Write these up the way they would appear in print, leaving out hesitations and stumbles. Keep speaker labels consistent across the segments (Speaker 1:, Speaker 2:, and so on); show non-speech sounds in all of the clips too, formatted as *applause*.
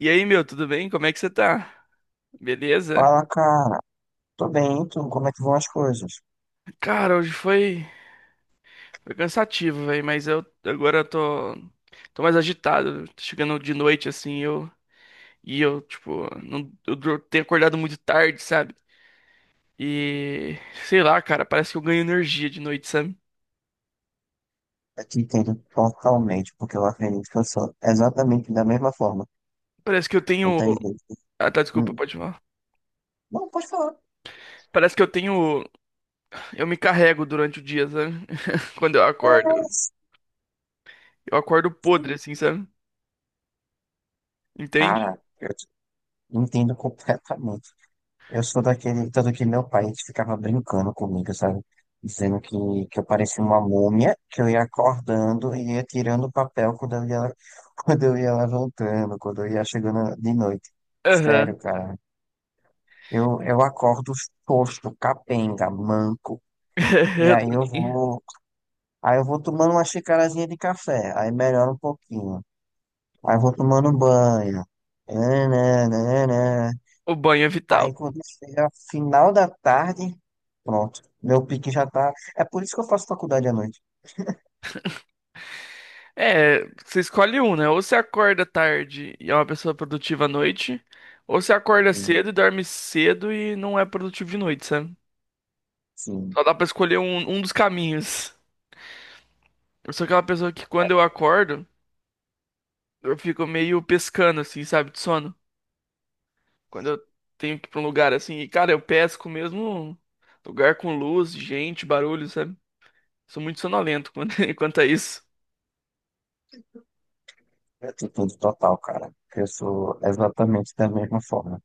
Speaker 1: E aí, meu, tudo bem? Como é que você tá? Beleza?
Speaker 2: Fala, cara. Tô bem, e tu? Como é que vão as coisas?
Speaker 1: Cara, hoje foi, foi cansativo, velho, mas eu agora eu tô mais agitado. Tô chegando de noite assim, eu, tipo, não eu dur- tenho acordado muito tarde, sabe? E sei lá, cara, parece que eu ganho energia de noite, sabe?
Speaker 2: Eu te entendo totalmente, porque eu acredito que eu sou exatamente da mesma forma.
Speaker 1: Parece que eu
Speaker 2: Não
Speaker 1: tenho.
Speaker 2: tem jeito.
Speaker 1: Ah, tá, desculpa,
Speaker 2: Hum.
Speaker 1: pode falar.
Speaker 2: Não, pode falar.
Speaker 1: Parece que eu tenho Eu me carrego durante o dia, sabe? *laughs* Quando eu acordo.
Speaker 2: É,
Speaker 1: Eu acordo podre
Speaker 2: sim.
Speaker 1: assim, sabe? Entende?
Speaker 2: Cara, eu te entendo completamente. Eu sou daquele, tanto que meu pai ficava brincando comigo, sabe? Dizendo que eu parecia uma múmia, que eu ia acordando e ia tirando o papel quando eu ia, *laughs* quando eu ia levantando, quando eu ia chegando de noite.
Speaker 1: Aham.
Speaker 2: Sério, cara. Eu acordo tosco, capenga, manco.
Speaker 1: *laughs*
Speaker 2: E
Speaker 1: Eu
Speaker 2: aí eu
Speaker 1: também.
Speaker 2: vou, Aí eu vou tomando uma xicarazinha de café, aí melhora um pouquinho. Aí eu vou tomando um banho. Nananana.
Speaker 1: O banho é vital.
Speaker 2: Aí quando chega final da tarde, pronto. Meu pique já tá. É por isso que eu faço faculdade à noite.
Speaker 1: É, você escolhe um, né? Ou você acorda tarde e é uma pessoa produtiva à noite, ou você acorda
Speaker 2: Sim,
Speaker 1: cedo e dorme cedo e não é produtivo de noite, sabe?
Speaker 2: sim.
Speaker 1: Só dá pra escolher um dos caminhos. Eu sou aquela pessoa que, quando eu acordo, eu fico meio pescando, assim, sabe, de sono. Quando eu tenho que ir pra um lugar assim, e cara, eu pesco mesmo, lugar com luz, gente, barulho, sabe? Sou muito sonolento quanto *laughs* quanto a isso.
Speaker 2: Atitude total, cara. Eu sou exatamente da mesma forma.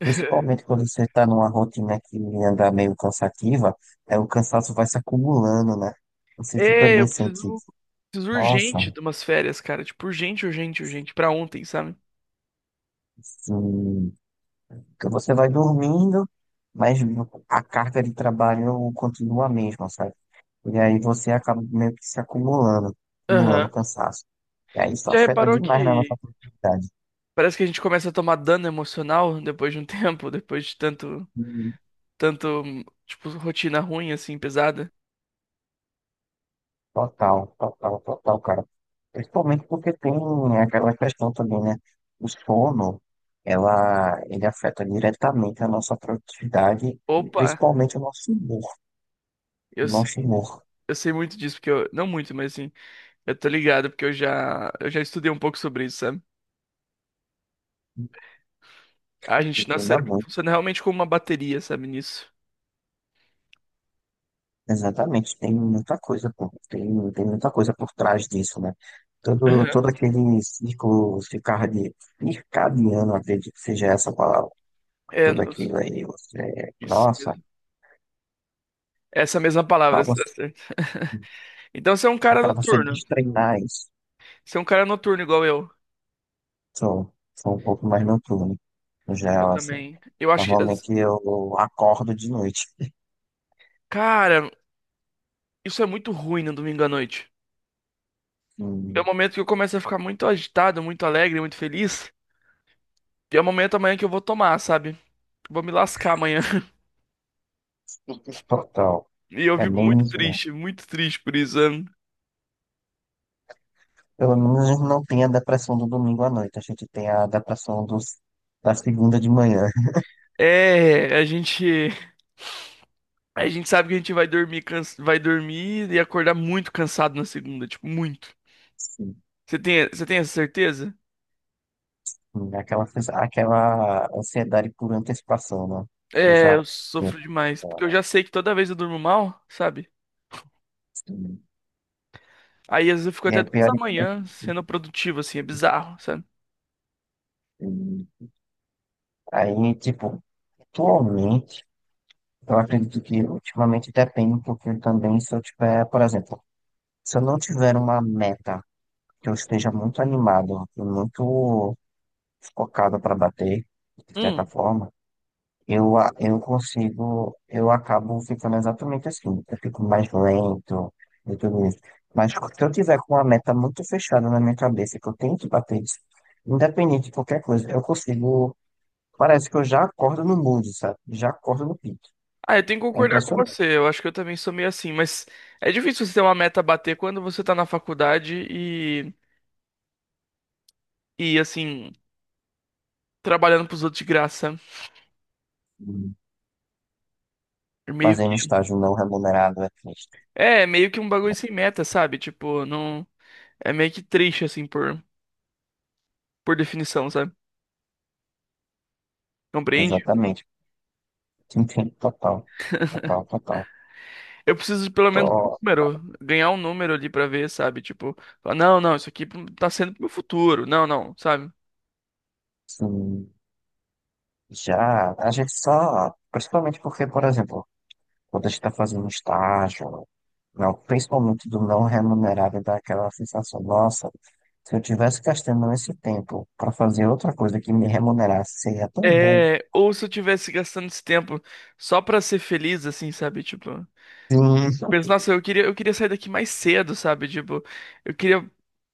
Speaker 1: *laughs*
Speaker 2: Principalmente quando você está numa rotina que anda meio cansativa, é, o cansaço vai se acumulando, né? Você
Speaker 1: É, eu
Speaker 2: também sente
Speaker 1: preciso.
Speaker 2: isso.
Speaker 1: Preciso urgente
Speaker 2: Nossa,
Speaker 1: de umas férias, cara. Tipo, urgente, urgente, urgente. Pra ontem, sabe?
Speaker 2: assim, que você vai dormindo, mas a carga de trabalho continua a mesma, sabe? E aí você acaba meio que se acumulando
Speaker 1: Aham.
Speaker 2: cansaço. E aí isso
Speaker 1: Já
Speaker 2: afeta
Speaker 1: reparou
Speaker 2: demais na
Speaker 1: que.
Speaker 2: nossa produtividade.
Speaker 1: Parece que a gente começa a tomar dano emocional depois de um *laughs* tempo, depois de tanto, tanto, tipo, rotina ruim, assim, pesada.
Speaker 2: Total, total, total, cara. Principalmente porque tem aquela questão também, né? O sono, ele afeta diretamente a nossa produtividade e
Speaker 1: Opa,
Speaker 2: principalmente o nosso humor.
Speaker 1: eu
Speaker 2: O
Speaker 1: sei,
Speaker 2: nosso humor.
Speaker 1: eu sei muito disso, porque eu, não muito, mas assim, eu tô ligado, porque eu já estudei um pouco sobre isso, sabe? A gente, nosso
Speaker 2: Muda
Speaker 1: cérebro
Speaker 2: muito.
Speaker 1: funciona realmente como uma bateria, sabe, nisso.
Speaker 2: Exatamente. Tem muita coisa, pô. Tem muita coisa por trás disso, né? Todo,
Speaker 1: Aham.
Speaker 2: todo aquele ciclo circadiano, acredito que seja essa a palavra.
Speaker 1: É,
Speaker 2: Tudo
Speaker 1: nos-
Speaker 2: aquilo aí, você,
Speaker 1: isso.
Speaker 2: nossa,
Speaker 1: Essa mesma
Speaker 2: para
Speaker 1: palavra, você tá
Speaker 2: você,
Speaker 1: certo. *laughs* Então você é um cara
Speaker 2: para você
Speaker 1: noturno.
Speaker 2: destreinar isso.
Speaker 1: Você é um cara noturno igual eu.
Speaker 2: Sou um pouco mais noturno, no
Speaker 1: Eu
Speaker 2: geral, assim.
Speaker 1: também. Eu acho que as-.
Speaker 2: Normalmente eu acordo de noite.
Speaker 1: Cara, isso é muito ruim no domingo à noite. É
Speaker 2: E,
Speaker 1: o momento que eu começo a ficar muito agitado, muito alegre, muito feliz. E é o momento amanhã que eu vou tomar, sabe? Vou me lascar amanhã. *laughs*
Speaker 2: total.
Speaker 1: E eu
Speaker 2: É
Speaker 1: fico
Speaker 2: bem isso, né?
Speaker 1: muito triste por isso, né?
Speaker 2: Pelo menos não tem a depressão do domingo à noite. A gente tem a depressão da segunda de manhã. *laughs*
Speaker 1: É, a gente. A gente sabe que a gente vai dormir, vai dormir e acordar muito cansado na segunda, tipo, muito.
Speaker 2: Sim.
Speaker 1: Você tem essa certeza?
Speaker 2: Hum. Aquela, aquela ansiedade por antecipação, né? Eu
Speaker 1: É,
Speaker 2: já.
Speaker 1: eu
Speaker 2: eu-
Speaker 1: sofro demais. Porque eu já sei que toda vez eu durmo mal, sabe?
Speaker 2: Sim.
Speaker 1: Aí às vezes eu fico
Speaker 2: E
Speaker 1: até
Speaker 2: aí,
Speaker 1: duas da
Speaker 2: é que-
Speaker 1: manhã sendo produtivo, assim, é bizarro, sabe?
Speaker 2: Hum, aí, tipo, atualmente, eu acredito que ultimamente depende um pouquinho também se eu tiver, por exemplo, se eu não tiver uma meta que eu esteja muito animado e muito focado para bater, de certa
Speaker 1: Hum.
Speaker 2: forma, eu consigo, eu acabo ficando exatamente assim. Eu fico mais lento e tudo isso. Mas se eu tiver com uma meta muito fechada na minha cabeça, que eu tenho que bater isso, independente de qualquer coisa, eu consigo. Parece que eu já acordo no mood, sabe? Já acordo no pique.
Speaker 1: Ah, eu tenho que
Speaker 2: É
Speaker 1: concordar com
Speaker 2: impressionante.
Speaker 1: você. Eu acho que eu também sou meio assim, mas é difícil você ter uma meta a bater quando você tá na faculdade e assim, trabalhando pros outros de graça. É meio
Speaker 2: Fazer um
Speaker 1: que,
Speaker 2: estágio não remunerado é triste.
Speaker 1: é, é meio que um bagulho sem meta, sabe? Tipo, não. É meio que triste, assim, por definição, sabe? Compreende?
Speaker 2: Exatamente. Entendo total, total, total.
Speaker 1: Eu preciso de pelo menos um
Speaker 2: Tô,
Speaker 1: número, ganhar um número ali pra ver, sabe? Tipo, falar, não, não, isso aqui tá sendo pro meu futuro. Não, não, sabe?
Speaker 2: assim, já, a gente só, principalmente porque, por exemplo, quando a gente está fazendo estágio, não, principalmente do não remunerado, dá aquela sensação, nossa, se eu tivesse gastando esse tempo para fazer outra coisa que me remunerasse, seria tão bom.
Speaker 1: É, ou se eu tivesse gastando esse tempo só pra ser feliz, assim, sabe? Tipo, eu
Speaker 2: Sim,
Speaker 1: penso, nossa, eu queria sair daqui mais cedo, sabe? Tipo, eu queria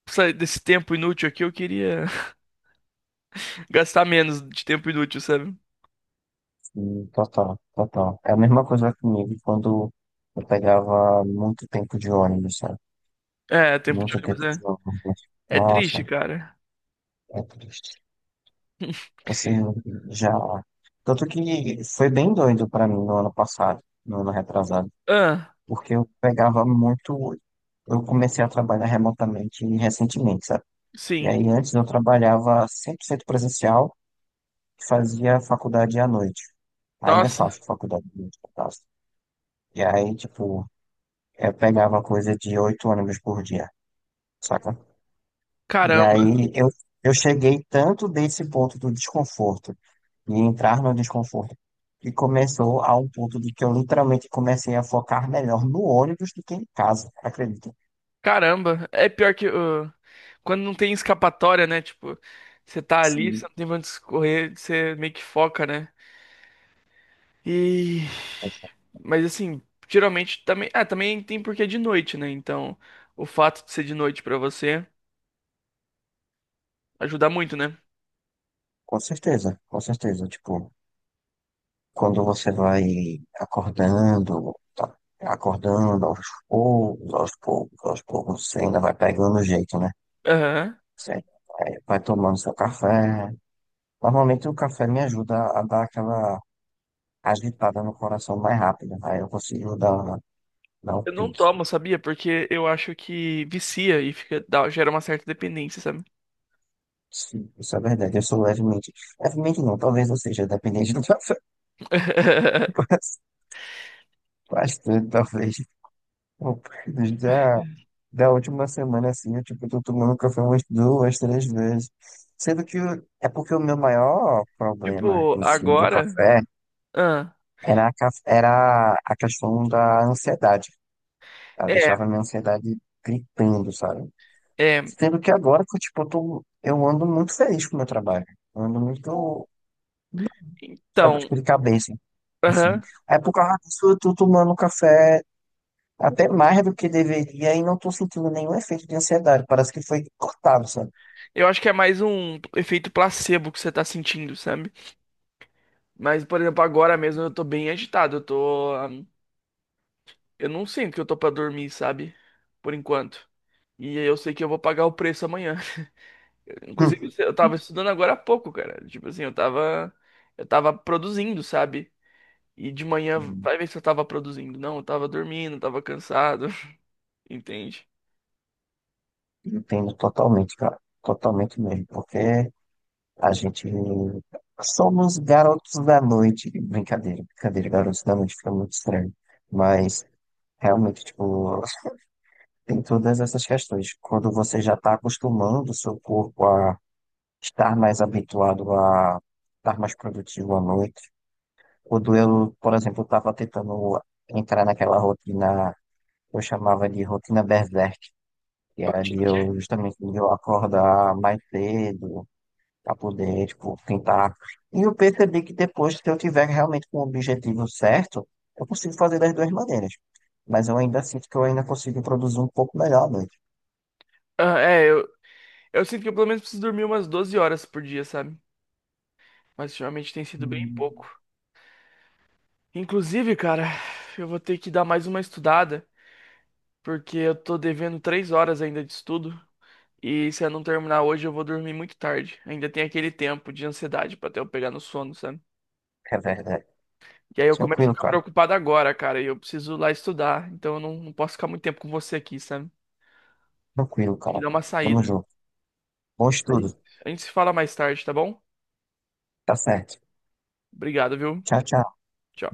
Speaker 1: sair desse tempo inútil aqui, eu queria *laughs* gastar menos de tempo inútil, sabe?
Speaker 2: sim, total, total. É a mesma coisa comigo quando eu pegava muito tempo de ônibus, sabe?
Speaker 1: É, tempo de
Speaker 2: Muito
Speaker 1: ônibus
Speaker 2: tempo de
Speaker 1: é,
Speaker 2: ônibus.
Speaker 1: é triste,
Speaker 2: Nossa,
Speaker 1: cara.
Speaker 2: é triste. Você já. Tanto que foi bem doido pra mim no ano passado, no ano retrasado,
Speaker 1: Ah,
Speaker 2: porque eu pegava muito. Eu comecei a trabalhar remotamente recentemente, sabe? E
Speaker 1: sim.
Speaker 2: aí antes eu trabalhava 100% presencial e fazia faculdade à noite. Ainda
Speaker 1: Nossa,
Speaker 2: faço faculdade à noite, no caso. E aí, tipo, eu pegava coisa de oito ônibus por dia, saca? E
Speaker 1: caramba.
Speaker 2: aí eu cheguei tanto desse ponto do desconforto e entrar no desconforto. E começou a um ponto de que eu literalmente comecei a focar melhor no ônibus do que em casa, acredita?
Speaker 1: Caramba, é pior que quando não tem escapatória, né? Tipo, você tá ali, você
Speaker 2: Sim.
Speaker 1: não tem pra onde escorrer, você meio que foca, né? E mas assim, geralmente também, ah, também tem porque é de noite, né? Então, o fato de ser de noite pra você ajuda muito, né?
Speaker 2: Com certeza, com certeza. Tipo, quando você vai acordando, tá acordando aos poucos, aos poucos, aos poucos, você ainda vai pegando o jeito, né?
Speaker 1: Aham.
Speaker 2: Você vai tomando seu café. Normalmente o café me ajuda a dar aquela agitada no coração mais rápida, aí eu consigo dar um
Speaker 1: Eu não
Speaker 2: pique.
Speaker 1: tomo, sabia? Porque eu acho que vicia e fica gera uma certa dependência, sabe?
Speaker 2: Sim, isso é verdade. Eu sou levemente. Levemente não, talvez eu seja, dependente *laughs* do café que eu
Speaker 1: *laughs*
Speaker 2: faço. Bastante, talvez. Bom, já da última semana, assim, eu tipo, tô tomando café umas duas, três vezes. Sendo que é porque o meu maior problema
Speaker 1: Tipo,
Speaker 2: em si do
Speaker 1: agora,
Speaker 2: café
Speaker 1: ah,
Speaker 2: era a questão da ansiedade. Ela
Speaker 1: é,
Speaker 2: deixava a minha ansiedade gritando, sabe?
Speaker 1: é,
Speaker 2: Sendo que agora que tipo, eu tô, eu ando muito feliz com o meu trabalho. Eu ando muito. Sabe?
Speaker 1: então,
Speaker 2: Tipo, de cabeça, assim.
Speaker 1: aham.
Speaker 2: Aí por causa disso eu tô tomando café até mais do que deveria e não tô sentindo nenhum efeito de ansiedade. Parece que foi cortado, sabe?
Speaker 1: Eu acho que é mais um efeito placebo que você tá sentindo, sabe? Mas, por exemplo, agora mesmo eu tô bem agitado. Eu tô, eu não sinto que eu tô pra dormir, sabe? Por enquanto. E eu sei que eu vou pagar o preço amanhã. *laughs* Inclusive, eu tava estudando agora há pouco, cara. Tipo assim, eu tava. Eu tava produzindo, sabe? E de manhã,
Speaker 2: Hum.
Speaker 1: vai ver se eu tava produzindo. Não, eu tava dormindo, eu tava cansado. *laughs* Entende?
Speaker 2: Entendo totalmente, cara. Totalmente mesmo. Porque a gente somos garotos da noite. Brincadeira, brincadeira, garotos da noite fica muito estranho. Mas realmente, tipo, tem todas essas questões. Quando você já tá acostumando o seu corpo a estar mais habituado a estar mais produtivo à noite. O duelo, por exemplo, estava tentando entrar naquela rotina que eu chamava de rotina berserk, que era
Speaker 1: Rotina
Speaker 2: de
Speaker 1: o quê?
Speaker 2: eu justamente de eu acordar mais cedo para poder, tipo, tentar. E eu percebi que depois, se eu tiver realmente com o objetivo certo, eu consigo fazer das duas maneiras. Mas eu ainda sinto que eu ainda consigo produzir um pouco melhor à noite.
Speaker 1: Ah, é, eu sinto que eu pelo menos preciso dormir umas 12 horas por dia, sabe? Mas ultimamente tem sido bem pouco.
Speaker 2: Hum.
Speaker 1: Inclusive, cara, eu vou ter que dar mais uma estudada, porque eu tô devendo 3 horas ainda de estudo. E se eu não terminar hoje, eu vou dormir muito tarde. Ainda tem aquele tempo de ansiedade pra até eu pegar no sono, sabe?
Speaker 2: É verdade.
Speaker 1: E aí eu começo a
Speaker 2: Tranquilo,
Speaker 1: ficar
Speaker 2: cara.
Speaker 1: preocupado agora, cara, e eu preciso lá estudar. Então eu não posso ficar muito tempo com você aqui, sabe?
Speaker 2: Tranquilo,
Speaker 1: Tem que
Speaker 2: cara.
Speaker 1: dar uma
Speaker 2: Tamo
Speaker 1: saída.
Speaker 2: junto. Bom
Speaker 1: A gente
Speaker 2: estudo.
Speaker 1: a gente se fala mais tarde, tá bom?
Speaker 2: Tá certo.
Speaker 1: Obrigado, viu?
Speaker 2: Tchau, tchau.
Speaker 1: Tchau.